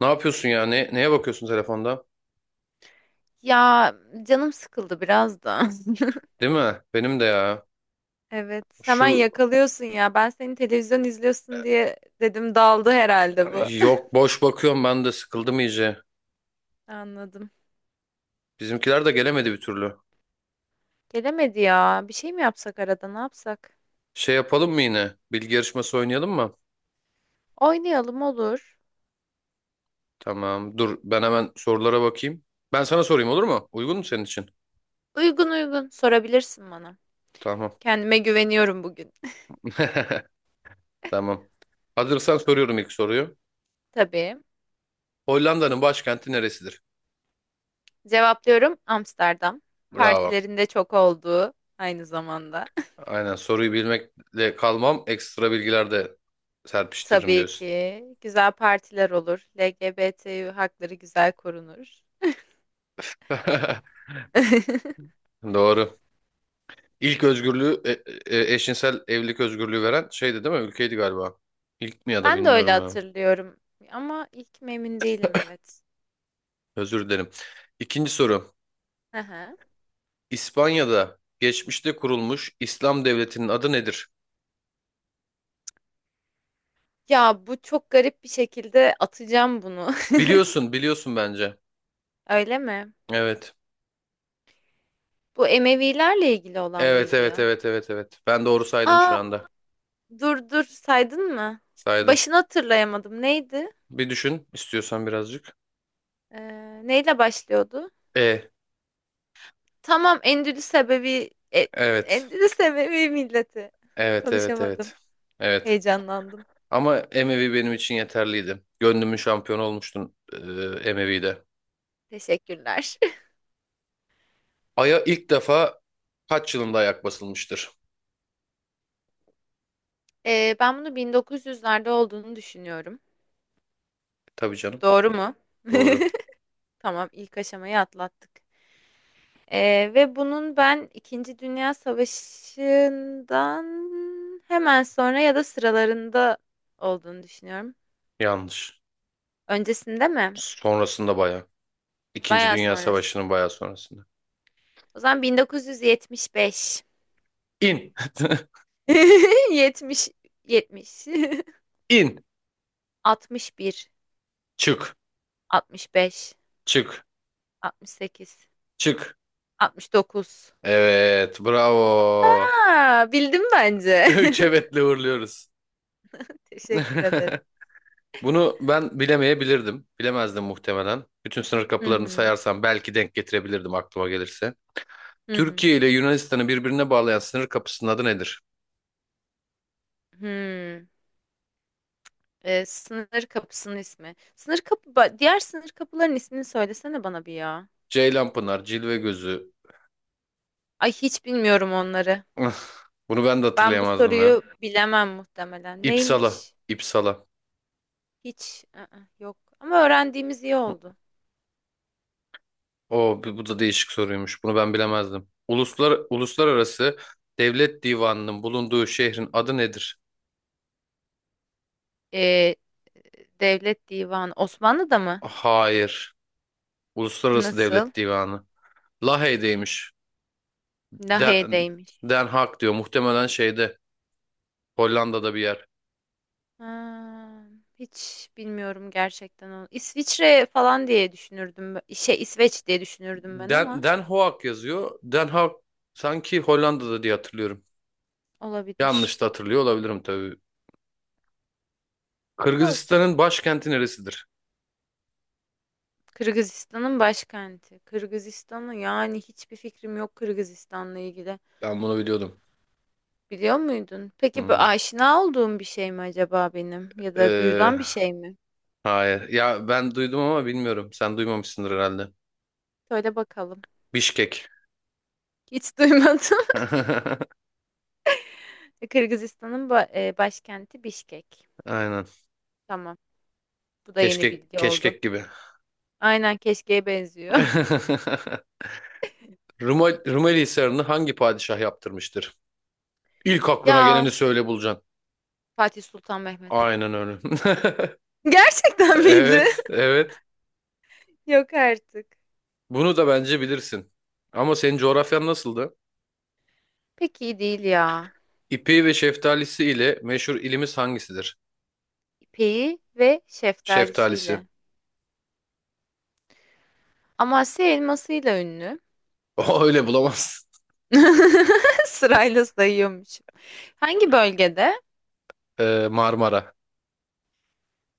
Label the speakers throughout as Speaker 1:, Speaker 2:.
Speaker 1: Ne yapıyorsun ya? Ne, neye bakıyorsun telefonda?
Speaker 2: Ya canım sıkıldı biraz da.
Speaker 1: Değil mi? Benim de ya.
Speaker 2: Evet, hemen
Speaker 1: Şu
Speaker 2: yakalıyorsun ya. Ben seni televizyon izliyorsun diye dedim daldı herhalde bu.
Speaker 1: yok boş bakıyorum ben de sıkıldım iyice.
Speaker 2: Anladım.
Speaker 1: Bizimkiler de gelemedi bir türlü.
Speaker 2: Gelemedi ya. Bir şey mi yapsak arada? Ne yapsak?
Speaker 1: Şey yapalım mı yine? Bilgi yarışması oynayalım mı?
Speaker 2: Oynayalım olur.
Speaker 1: Tamam. Dur ben hemen sorulara bakayım. Ben sana sorayım olur mu? Uygun mu senin için?
Speaker 2: Uygun uygun sorabilirsin bana.
Speaker 1: Tamam.
Speaker 2: Kendime güveniyorum bugün.
Speaker 1: Tamam. Hazırsan soruyorum ilk soruyu.
Speaker 2: Tabii.
Speaker 1: Hollanda'nın başkenti neresidir?
Speaker 2: Cevaplıyorum Amsterdam.
Speaker 1: Bravo.
Speaker 2: Partilerinde çok olduğu aynı zamanda.
Speaker 1: Aynen soruyu bilmekle kalmam ekstra bilgiler de serpiştiririm
Speaker 2: Tabii
Speaker 1: diyorsun.
Speaker 2: ki güzel partiler olur. LGBT hakları güzel korunur.
Speaker 1: Doğru. İlk özgürlüğü eşcinsel evlilik özgürlüğü veren şeydi değil mi? Ülkeydi galiba. İlk mi ya da
Speaker 2: Ben de öyle
Speaker 1: bilmiyorum ya.
Speaker 2: hatırlıyorum ama ilk mi emin değilim evet.
Speaker 1: Özür dilerim. İkinci soru.
Speaker 2: Hı hı.
Speaker 1: İspanya'da geçmişte kurulmuş İslam devletinin adı nedir?
Speaker 2: Ya bu çok garip bir şekilde atacağım bunu.
Speaker 1: Biliyorsun bence.
Speaker 2: Öyle mi?
Speaker 1: Evet.
Speaker 2: Bu Emevilerle ilgili olan
Speaker 1: Evet,
Speaker 2: mıydı
Speaker 1: evet,
Speaker 2: ya?
Speaker 1: evet, evet, evet. Ben doğru saydım şu
Speaker 2: Aa
Speaker 1: anda.
Speaker 2: dur dur saydın mı?
Speaker 1: Saydım.
Speaker 2: Başını hatırlayamadım. Neydi?
Speaker 1: Bir düşün istiyorsan birazcık.
Speaker 2: Neyle başlıyordu?
Speaker 1: E,
Speaker 2: Tamam Endülüs sebebi
Speaker 1: evet.
Speaker 2: Endülüs Ebevi milleti.
Speaker 1: Evet, evet,
Speaker 2: Konuşamadım.
Speaker 1: evet. Evet.
Speaker 2: Heyecanlandım.
Speaker 1: Ama Emevi benim için yeterliydi. Gönlümün şampiyonu olmuştun Emevi'de.
Speaker 2: Teşekkürler.
Speaker 1: Ay'a ilk defa kaç yılında ayak basılmıştır?
Speaker 2: Ben bunu 1900'lerde olduğunu düşünüyorum.
Speaker 1: Tabii canım.
Speaker 2: Doğru mu?
Speaker 1: Doğru.
Speaker 2: Tamam, ilk aşamayı atlattık. Ve bunun ben İkinci Dünya Savaşı'ndan hemen sonra ya da sıralarında olduğunu düşünüyorum.
Speaker 1: Yanlış.
Speaker 2: Öncesinde mi?
Speaker 1: Sonrasında bayağı. İkinci
Speaker 2: Bayağı
Speaker 1: Dünya
Speaker 2: sonrası.
Speaker 1: Savaşı'nın bayağı sonrasında.
Speaker 2: O zaman 1975.
Speaker 1: İn.
Speaker 2: 70, 70,
Speaker 1: İn.
Speaker 2: 61,
Speaker 1: Çık.
Speaker 2: 65,
Speaker 1: Çık.
Speaker 2: 68,
Speaker 1: Çık.
Speaker 2: 69.
Speaker 1: Evet. Bravo.
Speaker 2: Aa, bildim bence.
Speaker 1: Üç evetle uğurluyoruz.
Speaker 2: Teşekkür ederim.
Speaker 1: Bunu ben bilemeyebilirdim. Bilemezdim muhtemelen. Bütün sınır
Speaker 2: Hı
Speaker 1: kapılarını
Speaker 2: hı,
Speaker 1: sayarsam belki denk getirebilirdim aklıma gelirse.
Speaker 2: hı hı.
Speaker 1: Türkiye ile Yunanistan'ı birbirine bağlayan sınır kapısının adı nedir?
Speaker 2: Hı. Sınır kapısının ismi. Diğer sınır kapıların ismini söylesene bana bir ya.
Speaker 1: Ceylanpınar, Cilvegözü.
Speaker 2: Ay hiç bilmiyorum onları.
Speaker 1: Üf, bunu ben de
Speaker 2: Ben bu
Speaker 1: hatırlayamazdım ya.
Speaker 2: soruyu bilemem muhtemelen.
Speaker 1: İpsala.
Speaker 2: Neymiş?
Speaker 1: İpsala.
Speaker 2: Hiç. I-ı, yok. Ama öğrendiğimiz iyi oldu.
Speaker 1: O bu da değişik soruymuş. Bunu ben bilemezdim. Uluslararası Devlet Divanı'nın bulunduğu şehrin adı nedir?
Speaker 2: Ee, Devlet Divanı. Osmanlı'da mı?
Speaker 1: Hayır. Uluslararası
Speaker 2: Nasıl?
Speaker 1: Devlet Divanı. Lahey'deymiş. Den,
Speaker 2: Lahey'deymiş.
Speaker 1: Den Haag diyor. Muhtemelen şeyde. Hollanda'da bir yer.
Speaker 2: Ha, hiç bilmiyorum gerçekten onu. İsviçre falan diye düşünürdüm. Şey İsveç diye düşünürdüm ben ama
Speaker 1: Den Haag yazıyor. Den Haag sanki Hollanda'da diye hatırlıyorum.
Speaker 2: olabilir.
Speaker 1: Yanlış da hatırlıyor olabilirim tabii.
Speaker 2: Olsun.
Speaker 1: Kırgızistan'ın başkenti neresidir?
Speaker 2: Kırgızistan'ın başkenti. Kırgızistan'ı yani hiçbir fikrim yok Kırgızistan'la ilgili.
Speaker 1: Ben bunu biliyordum.
Speaker 2: Biliyor muydun? Peki bu
Speaker 1: Hmm.
Speaker 2: aşina olduğum bir şey mi acaba benim? Ya da
Speaker 1: Ee,
Speaker 2: duyulan bir şey mi?
Speaker 1: hayır. Ya ben duydum ama bilmiyorum. Sen duymamışsındır herhalde.
Speaker 2: Söyle bakalım.
Speaker 1: Bişkek.
Speaker 2: Hiç duymadım. Kırgızistan'ın başkenti Bişkek.
Speaker 1: Aynen.
Speaker 2: Tamam. Bu da yeni
Speaker 1: Keşkek,
Speaker 2: bilgi oldu.
Speaker 1: keşkek gibi.
Speaker 2: Aynen keşkeye benziyor.
Speaker 1: Rumeli Hisarı'nı hangi padişah yaptırmıştır? İlk aklına geleni
Speaker 2: Ya
Speaker 1: söyle bulacaksın.
Speaker 2: Fatih Sultan Mehmet.
Speaker 1: Aynen öyle.
Speaker 2: Gerçekten miydi?
Speaker 1: Evet, evet.
Speaker 2: Yok artık.
Speaker 1: Bunu da bence bilirsin. Ama senin coğrafyan nasıldı?
Speaker 2: Pek iyi değil ya.
Speaker 1: İpeği ve şeftalisi ile meşhur ilimiz hangisidir?
Speaker 2: İpeği ve
Speaker 1: Şeftalisi.
Speaker 2: şeftalisiyle. Amasya elmasıyla ünlü.
Speaker 1: O öyle bulamazsın.
Speaker 2: Sırayla sayıyormuşum. Hangi bölgede?
Speaker 1: Marmara.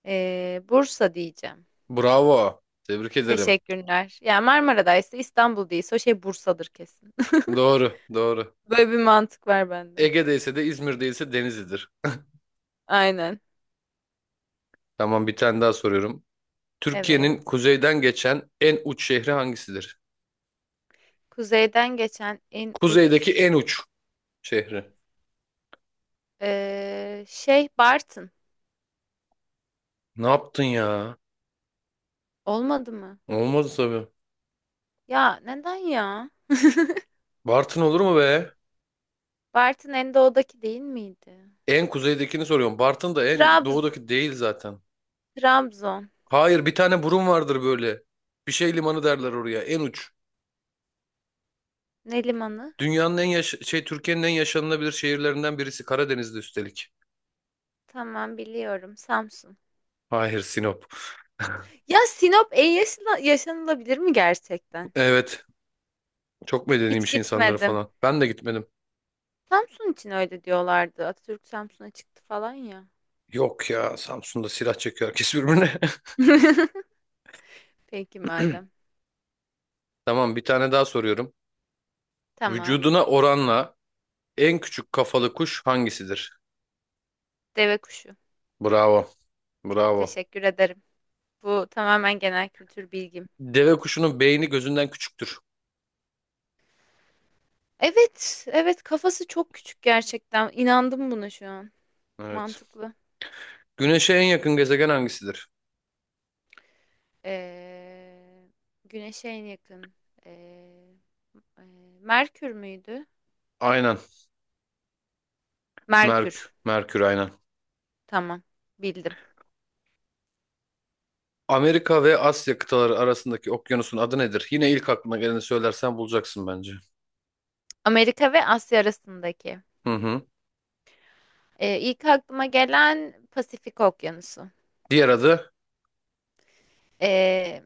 Speaker 2: Bursa diyeceğim.
Speaker 1: Bravo. Tebrik ederim.
Speaker 2: Teşekkürler. Yani Marmara'daysa İstanbul değilse o şey Bursa'dır kesin.
Speaker 1: Doğru, doğru.
Speaker 2: Böyle bir mantık var bende.
Speaker 1: Ege'deyse de İzmir'deyse Denizli'dir.
Speaker 2: Aynen.
Speaker 1: Tamam, bir tane daha soruyorum. Türkiye'nin
Speaker 2: Evet.
Speaker 1: kuzeyden geçen en uç şehri hangisidir?
Speaker 2: Kuzeyden geçen en
Speaker 1: Kuzeydeki
Speaker 2: uç
Speaker 1: en uç şehri.
Speaker 2: şey Bartın.
Speaker 1: Ne yaptın ya?
Speaker 2: Olmadı mı?
Speaker 1: Olmaz tabii.
Speaker 2: Ya neden ya?
Speaker 1: Bartın olur mu be?
Speaker 2: Bartın en doğudaki değil miydi?
Speaker 1: En kuzeydekini soruyorum. Bartın da en
Speaker 2: Trabz
Speaker 1: doğudaki değil zaten.
Speaker 2: Trabzon.
Speaker 1: Hayır, bir tane burun vardır böyle. Bir şey limanı derler oraya. En uç.
Speaker 2: Ne limanı?
Speaker 1: Dünyanın en yaş şey, Türkiye'nin en yaşanılabilir şehirlerinden birisi. Karadeniz'de üstelik.
Speaker 2: Tamam biliyorum. Samsun.
Speaker 1: Hayır, Sinop.
Speaker 2: Ya Sinop en yaşanılabilir mi gerçekten?
Speaker 1: Evet. Çok
Speaker 2: Hiç
Speaker 1: medeniymiş insanları
Speaker 2: gitmedim.
Speaker 1: falan. Ben de gitmedim.
Speaker 2: Samsun için öyle diyorlardı. Atatürk Samsun'a çıktı falan ya.
Speaker 1: Yok ya, Samsun'da silah çekiyor herkes birbirine.
Speaker 2: Peki madem.
Speaker 1: Tamam, bir tane daha soruyorum.
Speaker 2: Tamam.
Speaker 1: Vücuduna oranla en küçük kafalı kuş hangisidir?
Speaker 2: Deve kuşu.
Speaker 1: Bravo. Bravo.
Speaker 2: Teşekkür ederim. Bu tamamen genel kültür bilgim.
Speaker 1: Deve kuşunun beyni gözünden küçüktür.
Speaker 2: Evet, evet kafası çok küçük gerçekten. İnandım buna şu an.
Speaker 1: Evet.
Speaker 2: Mantıklı.
Speaker 1: Güneşe en yakın gezegen hangisidir?
Speaker 2: Ee, güneşe en yakın. Ee, e, Merkür müydü?
Speaker 1: Aynen.
Speaker 2: Merkür.
Speaker 1: Merkür aynen.
Speaker 2: Tamam. Bildim.
Speaker 1: Amerika ve Asya kıtaları arasındaki okyanusun adı nedir? Yine ilk aklına geleni söylersen bulacaksın bence.
Speaker 2: Amerika ve Asya arasındaki.
Speaker 1: Hı hı.
Speaker 2: İlk aklıma gelen Pasifik Okyanusu.
Speaker 1: Diğer adı?
Speaker 2: Ee,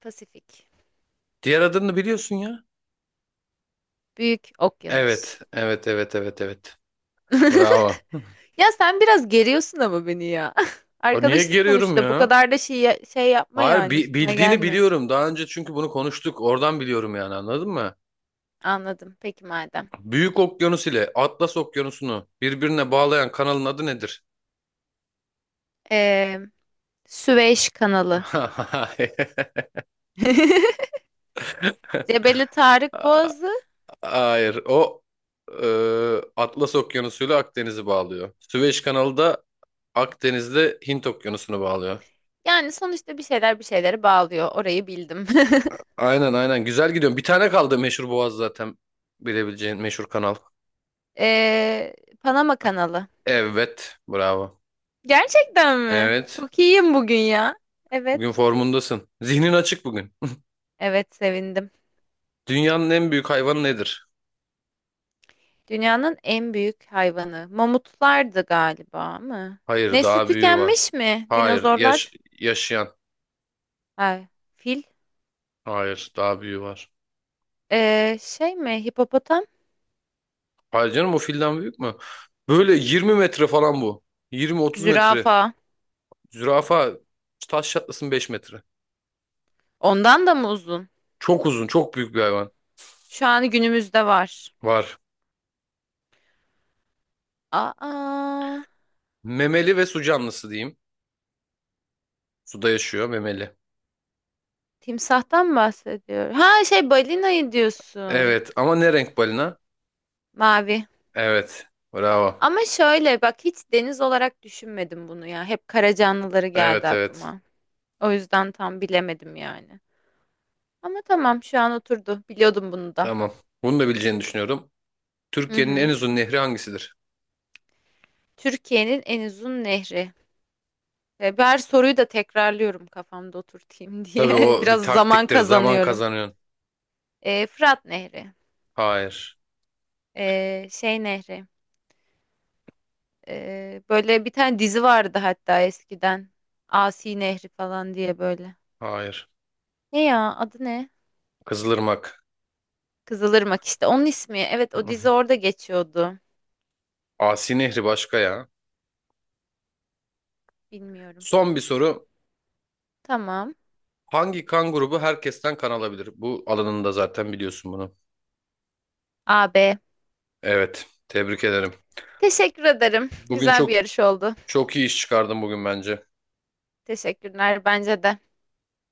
Speaker 2: Pasifik.
Speaker 1: Diğer adını biliyorsun ya.
Speaker 2: Büyük Okyanus.
Speaker 1: Evet. Evet, evet, evet, evet. Bravo.
Speaker 2: Ya sen biraz geriyorsun ama beni ya.
Speaker 1: O niye
Speaker 2: Arkadaşız
Speaker 1: geriyorum
Speaker 2: sonuçta. Bu
Speaker 1: ya?
Speaker 2: kadar da şey yapma
Speaker 1: Hayır,
Speaker 2: yani üstüme
Speaker 1: bildiğini
Speaker 2: gelme.
Speaker 1: biliyorum. Daha önce çünkü bunu konuştuk. Oradan biliyorum, yani anladın mı?
Speaker 2: Anladım. Peki madem.
Speaker 1: Büyük Okyanus ile Atlas Okyanusu'nu birbirine bağlayan kanalın adı nedir?
Speaker 2: Ee, Süveyş Kanalı.
Speaker 1: Hayır.
Speaker 2: Cebeli Tarık Boğazı.
Speaker 1: Hayır. O e, Atlas Okyanusu ile Akdeniz'i bağlıyor. Süveyş Kanalı da Akdeniz'de Hint Okyanusu'nu bağlıyor.
Speaker 2: Yani sonuçta bir şeyler bir şeyleri bağlıyor. Orayı bildim.
Speaker 1: Aynen aynen. Güzel gidiyorum. Bir tane kaldı meşhur boğaz zaten. Bilebileceğin meşhur kanal.
Speaker 2: Ee, Panama Kanalı.
Speaker 1: Evet. Bravo.
Speaker 2: Gerçekten mi?
Speaker 1: Evet.
Speaker 2: Çok iyiyim bugün ya. Evet.
Speaker 1: Bugün formundasın. Zihnin açık bugün.
Speaker 2: Evet sevindim.
Speaker 1: Dünyanın en büyük hayvanı nedir?
Speaker 2: Dünyanın en büyük hayvanı. Mamutlardı galiba mı?
Speaker 1: Hayır,
Speaker 2: Nesli
Speaker 1: daha büyüğü var.
Speaker 2: tükenmiş mi?
Speaker 1: Hayır,
Speaker 2: Dinozorlar.
Speaker 1: yaşayan.
Speaker 2: Ay, fil.
Speaker 1: Hayır, daha büyüğü var.
Speaker 2: Şey mi? Hipopotam.
Speaker 1: Hayır canım, o filden büyük mü? Böyle 20 metre falan bu. 20-30 metre.
Speaker 2: Zürafa.
Speaker 1: Zürafa taş çatlasın 5 metre.
Speaker 2: Ondan da mı uzun?
Speaker 1: Çok uzun, çok büyük bir hayvan.
Speaker 2: Şu an günümüzde var.
Speaker 1: Var.
Speaker 2: Aa,
Speaker 1: Memeli ve su canlısı diyeyim. Suda yaşıyor, memeli.
Speaker 2: timsahtan bahsediyor. Ha şey balinayı diyorsun.
Speaker 1: Evet ama ne renk balina?
Speaker 2: Mavi.
Speaker 1: Evet. Bravo.
Speaker 2: Ama şöyle bak hiç deniz olarak düşünmedim bunu ya. Hep kara canlıları geldi
Speaker 1: Evet, evet.
Speaker 2: aklıma. O yüzden tam bilemedim yani. Ama tamam şu an oturdu. Biliyordum bunu da.
Speaker 1: Tamam. Bunu da bileceğini düşünüyorum.
Speaker 2: Hı
Speaker 1: Türkiye'nin en
Speaker 2: hı.
Speaker 1: uzun nehri hangisidir?
Speaker 2: Türkiye'nin en uzun nehri. Ve ben her soruyu da tekrarlıyorum kafamda oturtayım
Speaker 1: Tabii
Speaker 2: diye.
Speaker 1: o bir
Speaker 2: Biraz zaman
Speaker 1: taktiktir. Zaman
Speaker 2: kazanıyorum.
Speaker 1: kazanıyorsun.
Speaker 2: Fırat Nehri.
Speaker 1: Hayır.
Speaker 2: Şey Nehri. Böyle bir tane dizi vardı hatta eskiden. Asi Nehri falan diye böyle.
Speaker 1: Hayır.
Speaker 2: Ne ya adı ne?
Speaker 1: Kızılırmak.
Speaker 2: Kızılırmak işte. Onun ismi. Evet o dizi orada geçiyordu.
Speaker 1: Asi Nehri başka ya.
Speaker 2: Bilmiyorum.
Speaker 1: Son bir soru.
Speaker 2: Tamam.
Speaker 1: Hangi kan grubu herkesten kan alabilir? Bu alanında zaten biliyorsun bunu.
Speaker 2: AB.
Speaker 1: Evet. Tebrik ederim.
Speaker 2: Teşekkür ederim.
Speaker 1: Bugün
Speaker 2: Güzel bir
Speaker 1: çok
Speaker 2: yarış oldu.
Speaker 1: çok iyi iş çıkardın bugün bence.
Speaker 2: Teşekkürler bence de.